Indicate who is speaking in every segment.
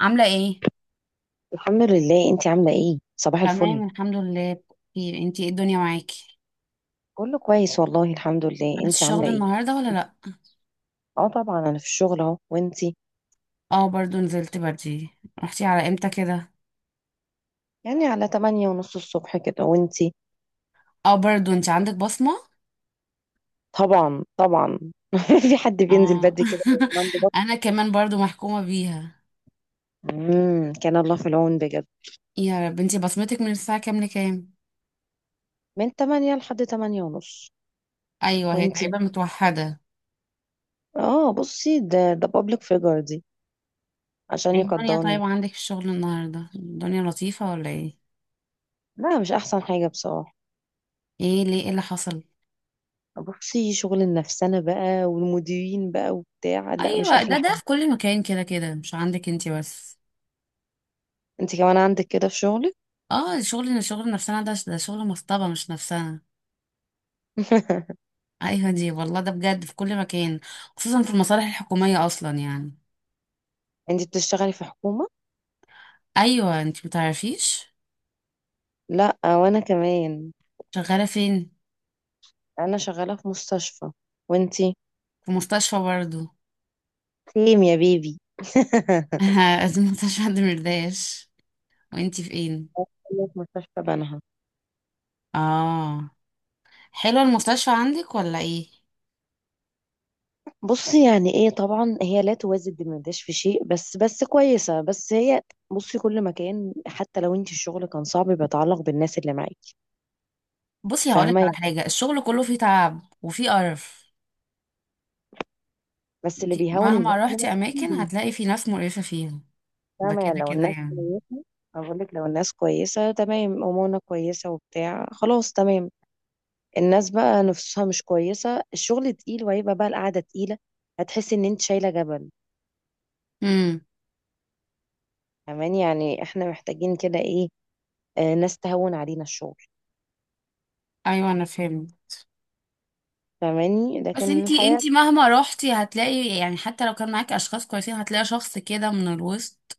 Speaker 1: عاملة ايه؟
Speaker 2: الحمد لله. انت عامله ايه؟ صباح الفل.
Speaker 1: تمام، الحمد لله. بخير. انتي، ايه الدنيا معاكي؟
Speaker 2: كله كويس والله، الحمد لله.
Speaker 1: رحتي
Speaker 2: انت عامله
Speaker 1: الشغل
Speaker 2: ايه؟
Speaker 1: النهارده ولا لا؟
Speaker 2: اه طبعا، انا في الشغل اهو. وانتي؟
Speaker 1: اه، برضو نزلت بدري. رحتي على امتى كده؟
Speaker 2: يعني على تمانية ونص الصبح كده. وانتي؟
Speaker 1: اه، برضو انتي عندك بصمه.
Speaker 2: طبعا، طبعا. في حد بينزل
Speaker 1: اه.
Speaker 2: بدري كده وينام ببطء؟
Speaker 1: انا كمان برضو محكومه بيها.
Speaker 2: كان الله في العون بجد.
Speaker 1: يا رب. انتي بصمتك من الساعه كام لكام؟
Speaker 2: من تمانية لحد تمانية ونص.
Speaker 1: ايوه، هي
Speaker 2: وانتي؟
Speaker 1: تقريبا متوحده.
Speaker 2: اه، بصي، ده بابليك فيجر دي، عشان
Speaker 1: ايه الدنيا،
Speaker 2: يقدرنا.
Speaker 1: طيب عندك في الشغل النهارده الدنيا لطيفه ولا ايه؟
Speaker 2: لا، مش احسن حاجه بصراحه.
Speaker 1: ايه ليه، ايه اللي حصل؟
Speaker 2: بصي، شغل النفسنه بقى والمديرين بقى وبتاع، لا مش
Speaker 1: ايوه، ده
Speaker 2: احلى
Speaker 1: ده
Speaker 2: حاجه.
Speaker 1: في كل مكان، كده كده مش عندك انتي بس.
Speaker 2: انت كمان عندك كده في شغلك.
Speaker 1: اه، شغل نفسنا، ده شغل مصطبه مش نفسنا. ايوه دي والله، ده بجد في كل مكان، خصوصا في المصالح الحكومية اصلا يعني.
Speaker 2: انتي بتشتغلي في حكومة؟
Speaker 1: ايوه، انت متعرفيش؟
Speaker 2: لا، وانا كمان.
Speaker 1: شغالة فين؟
Speaker 2: انا شغالة في مستشفى. وانتي؟
Speaker 1: في مستشفى برضو.
Speaker 2: سيم يا بيبي.
Speaker 1: في مستشفى دمرداش. وانت فين؟
Speaker 2: في مستشفى بنها.
Speaker 1: اه. حلوة المستشفى عندك ولا ايه؟
Speaker 2: بصي يعني ايه، طبعا هي لا توازي بمداش في شيء، بس كويسة، بس هي، بصي، كل مكان حتى لو انتي الشغل كان صعب، بيتعلق بالناس اللي معاكي.
Speaker 1: بصي، هقولك
Speaker 2: فاهمة
Speaker 1: على
Speaker 2: يعني.
Speaker 1: حاجة، الشغل كله فيه تعب وفيه قرف.
Speaker 2: بس
Speaker 1: انت
Speaker 2: اللي بيهون
Speaker 1: مهما
Speaker 2: الناس اللي
Speaker 1: روحتي اماكن
Speaker 2: معاكي.
Speaker 1: هتلاقي في ناس مقرفة فيها. ده
Speaker 2: فاهمة يعني،
Speaker 1: كده
Speaker 2: لو
Speaker 1: كده
Speaker 2: الناس
Speaker 1: يعني.
Speaker 2: كويسة، أقول لك، لو الناس كويسة تمام، أمورنا كويسة وبتاع، خلاص تمام. الناس بقى نفسها مش كويسة، الشغل تقيل، وهيبقى بقى القعدة تقيلة. هتحسي ان انت شايلة جبل.
Speaker 1: امم.
Speaker 2: فاهماني؟ يعني احنا محتاجين كده ايه، ناس تهون علينا الشغل.
Speaker 1: ايوه، انا فهمت.
Speaker 2: فاهماني؟
Speaker 1: بس
Speaker 2: لكن
Speaker 1: انتي
Speaker 2: الحياة،
Speaker 1: انتي مهما روحتي هتلاقي، يعني حتى لو كان معاكي اشخاص كويسين هتلاقي شخص كده من الوسط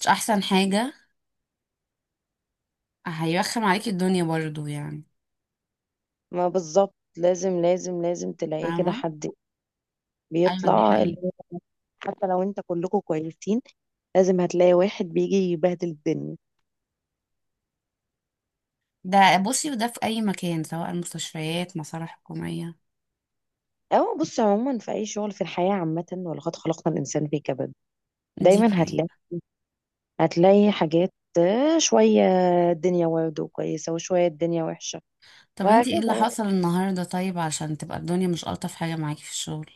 Speaker 1: مش احسن حاجة. هيرخم عليكي الدنيا برضو يعني.
Speaker 2: ما بالظبط، لازم لازم لازم تلاقي كده
Speaker 1: فاهمة.
Speaker 2: حد
Speaker 1: ايوه دي
Speaker 2: بيطلع
Speaker 1: حقيقة.
Speaker 2: الب- حتى لو انت كلكم كويسين، لازم هتلاقي واحد بيجي يبهدل الدنيا.
Speaker 1: ده بصي، وده في اي مكان سواء المستشفيات، مصالح حكومية.
Speaker 2: او بص، عموما في اي شغل في الحياة عامة، ولقد خلقنا الانسان في كبد.
Speaker 1: دي
Speaker 2: دايما هتلاقي،
Speaker 1: حقيقة.
Speaker 2: هتلاقي حاجات، شوية الدنيا برضه كويسة وشوية الدنيا وحشة،
Speaker 1: طب انتي ايه اللي
Speaker 2: وهكذا يعني.
Speaker 1: حصل النهاردة طيب عشان تبقى الدنيا مش الطف حاجة معاكي في الشغل؟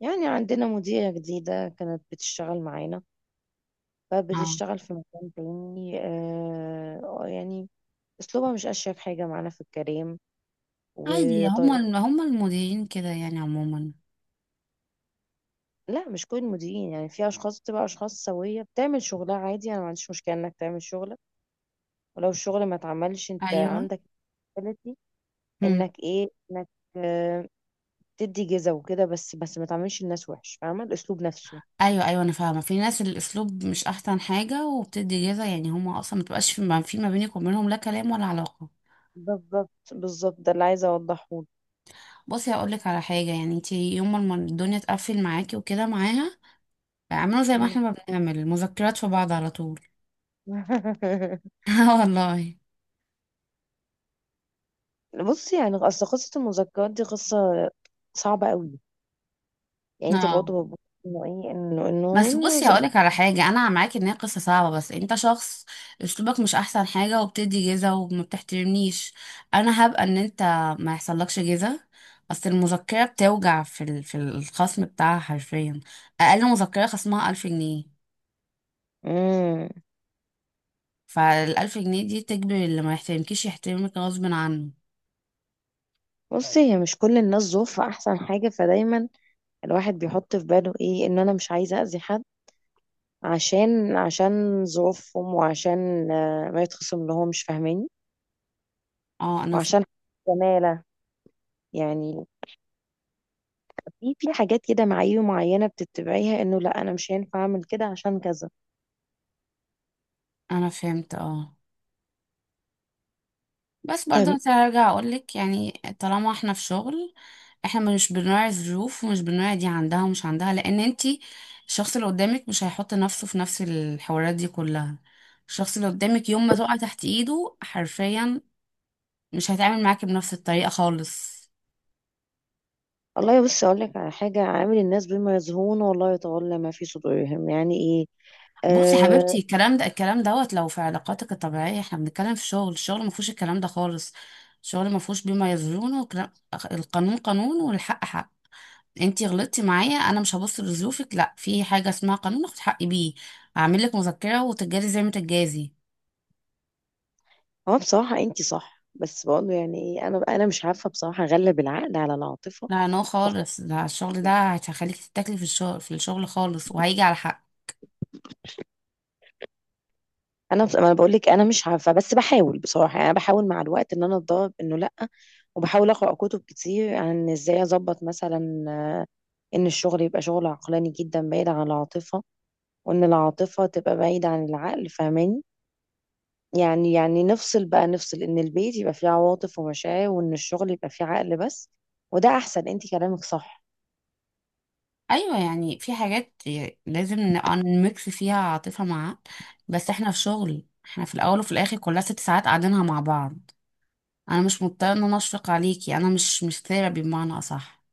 Speaker 2: يعني عندنا مديرة جديدة كانت بتشتغل معانا،
Speaker 1: اه.
Speaker 2: فبتشتغل في مكان تاني، يعني أسلوبها مش أشيك حاجة معانا في الكلام
Speaker 1: عادي
Speaker 2: وطريقة.
Speaker 1: هما المديرين كده يعني عموما.
Speaker 2: لا، مش كل المديرين يعني، في أشخاص بتبقى أشخاص سوية بتعمل شغلها عادي، أنا ما عنديش مشكلة إنك تعمل شغلك، ولو الشغل ما اتعملش أنت
Speaker 1: ايوه،
Speaker 2: عندك ability، إنك إيه، إنك آه تدي جزا وكده، بس ما تعملش الناس وحش. فاهمة الأسلوب نفسه؟
Speaker 1: ايوه، ايوه انا فاهمه، في ناس الاسلوب مش احسن حاجه وبتدي جزا، يعني هما اصلا ما تبقاش في ما بينك وبينهم لا كلام ولا علاقه.
Speaker 2: بالظبط، بالظبط، ده اللي عايزة أوضحه لك.
Speaker 1: بصي هقول لك على حاجه، يعني انت يوم ما الدنيا تقفل معاكي وكده معاها اعملوا زي ما
Speaker 2: مم.
Speaker 1: احنا ما بنعمل مذكرات في بعض على طول. اه والله.
Speaker 2: بصي، يعني اصل قصه المذكرات دي قصه صعبه قوي. يعني انت
Speaker 1: اه،
Speaker 2: برضه بتبصي انه ايه، انه انه
Speaker 1: بس
Speaker 2: انه
Speaker 1: بصي
Speaker 2: زمان.
Speaker 1: هقولك على حاجة، أنا معاك إن هي قصة صعبة، بس أنت شخص أسلوبك مش أحسن حاجة وبتدي جيزة وما بتحترمنيش. أنا هبقى إن أنت ما يحصلكش جيزة. أصل المذكرة بتوجع في الخصم بتاعها حرفيا. أقل مذكرة خصمها 1000 جنيه.
Speaker 2: امم
Speaker 1: فالألف جنيه دي تجبر اللي ما يحترمكيش يحترمك غصب عنه.
Speaker 2: بصي، هي مش كل الناس ظروفها احسن حاجه، فدايما الواحد بيحط في باله ايه، ان انا مش عايزه اذي حد، عشان ظروفهم، وعشان ما يتخصم لهم. مش فاهماني؟
Speaker 1: اه.
Speaker 2: وعشان زماله يعني، في حاجات كده، معايير معينه بتتبعيها، انه لا، انا مش هينفع اعمل كده عشان كذا.
Speaker 1: أنا فهمت. اه، بس برضه
Speaker 2: فاهماني؟
Speaker 1: هرجع اقولك، يعني طالما احنا في شغل احنا مش بنراعي الظروف ومش بنراعي دي عندها ومش عندها، لان انتي الشخص اللي قدامك مش هيحط نفسه في نفس الحوارات دي كلها. الشخص اللي قدامك يوم ما تقع تحت ايده حرفيا مش هيتعامل معاكي بنفس الطريقة خالص.
Speaker 2: والله بص، اقول لك على حاجه، عامل الناس بما يزهون، والله يتولى ما في صدورهم، يعني ايه،
Speaker 1: بصي يا
Speaker 2: آه
Speaker 1: حبيبتي، الكلام ده الكلام دوت لو في علاقاتك الطبيعية، احنا بنتكلم في شغل. الشغل ما فيهوش الكلام ده خالص. الشغل ما فيهوش بما يظلمون القانون قانون والحق حق. انتي غلطتي معايا، انا مش هبص لظروفك، لا، في حاجه اسمها قانون اخد حقي بيه. هعمل لك مذكره وتتجازي زي ما تتجازي.
Speaker 2: هو بصراحه انت صح، بس بقول له يعني ايه، انا مش عارفه بصراحه اغلب العقل على العاطفه.
Speaker 1: لا، نو خالص، ده الشغل ده هيخليك تتاكلي في الشغل في الشغل خالص، وهيجي على حق.
Speaker 2: ما انا بقول لك انا مش عارفه، بس بحاول بصراحه يعني. انا بحاول مع الوقت ان انا اتدرب انه لا، وبحاول اقرا كتب كتير عن ازاي اظبط مثلا، ان الشغل يبقى شغل عقلاني جدا بعيد عن العاطفه، وان العاطفه تبقى بعيده عن العقل. فاهماني؟ يعني، نفصل بقى، نفصل ان البيت يبقى فيه عواطف ومشاعر، وان الشغل يبقى فيه عقل بس. وده احسن، انت كلامك صح.
Speaker 1: ايوه، يعني في حاجات لازم نبقى نميكس فيها عاطفه مع عقل. بس احنا في شغل، احنا في الاول وفي الاخر كلها 6 ساعات قاعدينها مع بعض. انا مش مضطره ان انا اشفق عليكي، انا مش ثيرابي بمعنى اصح.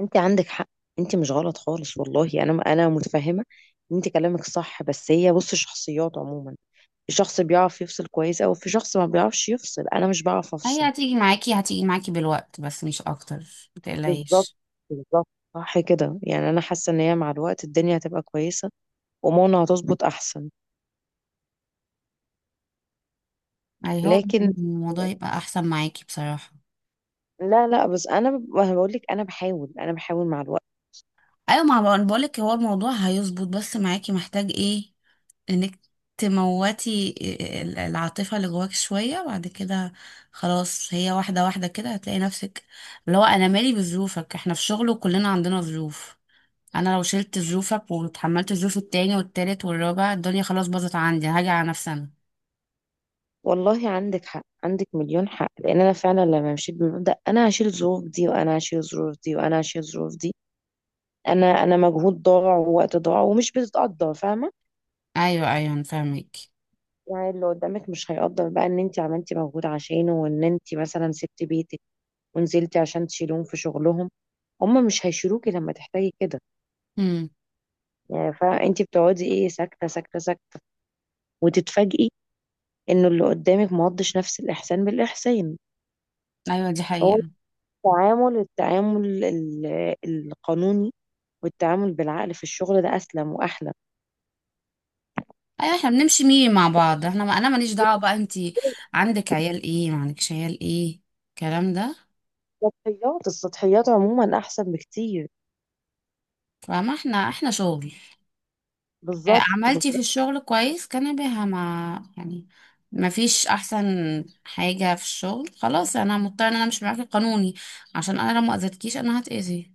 Speaker 2: انت عندك حق، انت مش غلط خالص والله، انا متفهمه ان انت كلامك صح، بس هي بص، شخصيات عموما، في شخص بيعرف يفصل كويس، او في شخص ما بيعرفش يفصل. انا مش بعرف
Speaker 1: هي
Speaker 2: افصل.
Speaker 1: هتيجي معاكي، بالوقت بس مش اكتر.
Speaker 2: بالظبط،
Speaker 1: متقلقيش.
Speaker 2: بالظبط. صح كده، يعني انا حاسه ان هي مع الوقت الدنيا هتبقى كويسه، وماما هتظبط احسن.
Speaker 1: اي، هو
Speaker 2: لكن،
Speaker 1: إن الموضوع يبقى احسن معاكي بصراحة.
Speaker 2: لا لا، بس ما أنا بقول لك انا بحاول، انا بحاول مع الوقت.
Speaker 1: ايوه، ما بقول- بقولك هو الموضوع هيظبط، بس معاكي محتاج ايه؟ انك تموتي العاطفة اللي جواك شوية بعد كده. خلاص هي واحدة واحدة كده هتلاقي نفسك. اللي هو انا مالي بظروفك، احنا في شغل وكلنا عندنا ظروف. انا لو شلت ظروفك وتحملت ظروف التاني والتالت والرابع الدنيا خلاص باظت عندي، هاجي على نفسي انا.
Speaker 2: والله عندك حق، عندك مليون حق، لان انا فعلا لما مشيت بالمبدأ انا هشيل الظروف دي، وانا هشيل الظروف دي، وانا هشيل الظروف دي، انا، مجهود ضاع ووقت ضاع ومش بتتقدر. فاهمه؟
Speaker 1: ايوه، ايوه، انا فاهمك.
Speaker 2: يعني اللي قدامك مش هيقدر بقى ان انت عملتي مجهود عشانه، وان انت مثلا سبتي بيتك ونزلتي عشان تشيلهم في شغلهم. هم مش هيشيلوكي لما تحتاجي كده.
Speaker 1: امم.
Speaker 2: يعني فانت بتقعدي ايه، ساكته ساكته ساكته، وتتفاجئي انه اللي قدامك ما قضش نفس الاحسان بالاحسان.
Speaker 1: ايوه دي
Speaker 2: هو
Speaker 1: حقيقة.
Speaker 2: التعامل، القانوني والتعامل بالعقل في الشغل ده أسلم وأحلى.
Speaker 1: ايوه احنا بنمشي ميري مع بعض، احنا ما انا ماليش دعوه بقى، انتي عندك عيال ايه ما عندكش عيال ايه الكلام ده.
Speaker 2: السطحيات، عموما أحسن بكتير.
Speaker 1: فما احنا شغل.
Speaker 2: بالظبط،
Speaker 1: عملتي في
Speaker 2: بالظبط.
Speaker 1: الشغل كويس كان بها ما، يعني ما فيش احسن حاجه في الشغل خلاص. انا مضطره ان انا مش معاكي قانوني، عشان انا لو ما اذيتكيش انا هتاذي.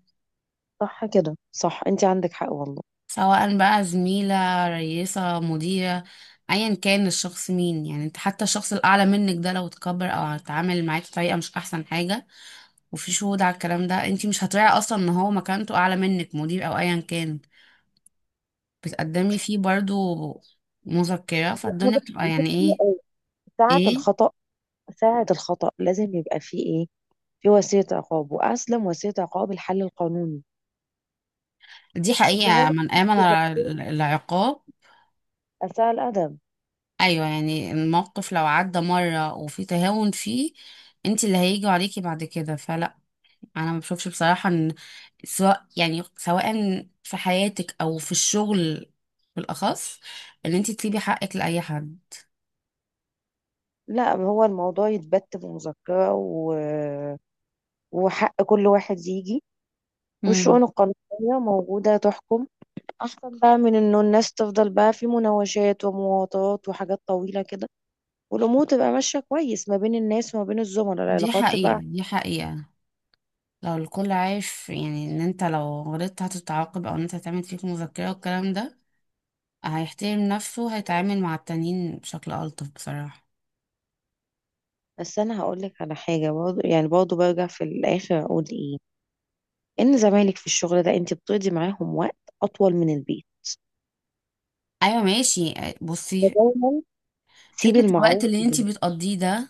Speaker 2: صح كده، صح، أنت عندك حق والله.
Speaker 1: سواء بقى زميله، رئيسه، مديره، ايا كان الشخص مين، يعني انت حتى الشخص الاعلى منك ده لو اتكبر او اتعامل معاكي بطريقه مش احسن حاجه وفي شهود على الكلام ده، انتي مش هتراعي اصلا ان هو مكانته اعلى منك مدير او ايا كان، بتقدمي فيه برضو مذكرة. فالدنيا بتبقى يعني ايه؟
Speaker 2: بصي، ساعة
Speaker 1: ايه؟
Speaker 2: الخطأ، ساعة الخطأ لازم يبقى فيه إيه، في وسيلة عقاب، وأسلم وسيلة عقاب الحل القانوني.
Speaker 1: دي
Speaker 2: اللي هو
Speaker 1: حقيقة، من آمن العقاب.
Speaker 2: أساء الأدب.
Speaker 1: ايوه، يعني الموقف لو عدى مرة وفي تهاون فيه، انتي اللي هيجوا عليكي بعد كده، فلا. انا ما بشوفش بصراحة ان، سواء يعني سواء في حياتك او في الشغل بالاخص، ان انتي تسيبي حقك لاي حد.
Speaker 2: لا، هو الموضوع يتبت بمذكرة، و... وحق كل واحد يجي.
Speaker 1: مم.
Speaker 2: والشؤون القانونية موجودة تحكم، اصلا بقى، من انه الناس تفضل بقى في مناوشات ومواطات وحاجات طويله كده، والامور تبقى ماشيه كويس ما بين الناس، وما بين الزملاء
Speaker 1: دي
Speaker 2: العلاقات تبقى.
Speaker 1: حقيقة، دي حقيقة. لو الكل عارف، يعني ان انت لو غلطت هتتعاقب او ان انت هتعمل فيك مذكرة والكلام ده، هيحترم نفسه، هيتعامل مع التانيين بشكل ألطف بصراحة.
Speaker 2: بس انا هقول لك على حاجه برضه، يعني برضه برجع في الاخر اقول ايه، ان زمايلك في الشغل ده انت بتقضي معاهم وقت اطول من البيت،
Speaker 1: ايوه ماشي. بصي،
Speaker 2: فدايما سيبي
Speaker 1: فكرة الوقت
Speaker 2: المعروف
Speaker 1: اللي انت
Speaker 2: لله.
Speaker 1: بتقضيه ده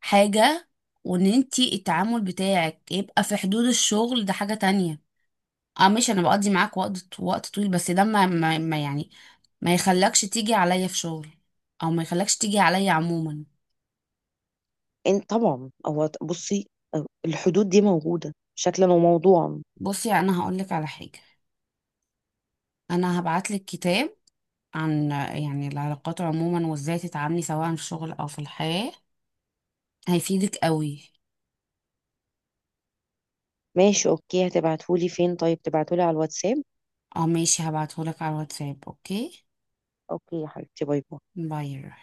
Speaker 1: حاجة، وان انت التعامل بتاعك يبقى في حدود الشغل ده حاجة تانية. اه ماشي، انا بقضي معاك وقت طويل، بس ده ما يعني ما يخلكش تيجي عليا في شغل او ما يخلكش تيجي عليا عموما.
Speaker 2: انت طبعا، هو بصي، الحدود دي موجوده شكلا وموضوعا.
Speaker 1: بصي، انا هقولك على حاجة، انا هبعتلك كتاب عن يعني العلاقات عموما وازاي تتعاملي سواء في الشغل او في الحياة، هيفيدك قوي.
Speaker 2: ماشي، اوكي. هتبعتهولي فين؟ طيب تبعتهولي على الواتساب.
Speaker 1: اه ماشي، هبعتهولك على الواتساب. اوكي،
Speaker 2: اوكي يا حبيبتي، باي باي.
Speaker 1: باي.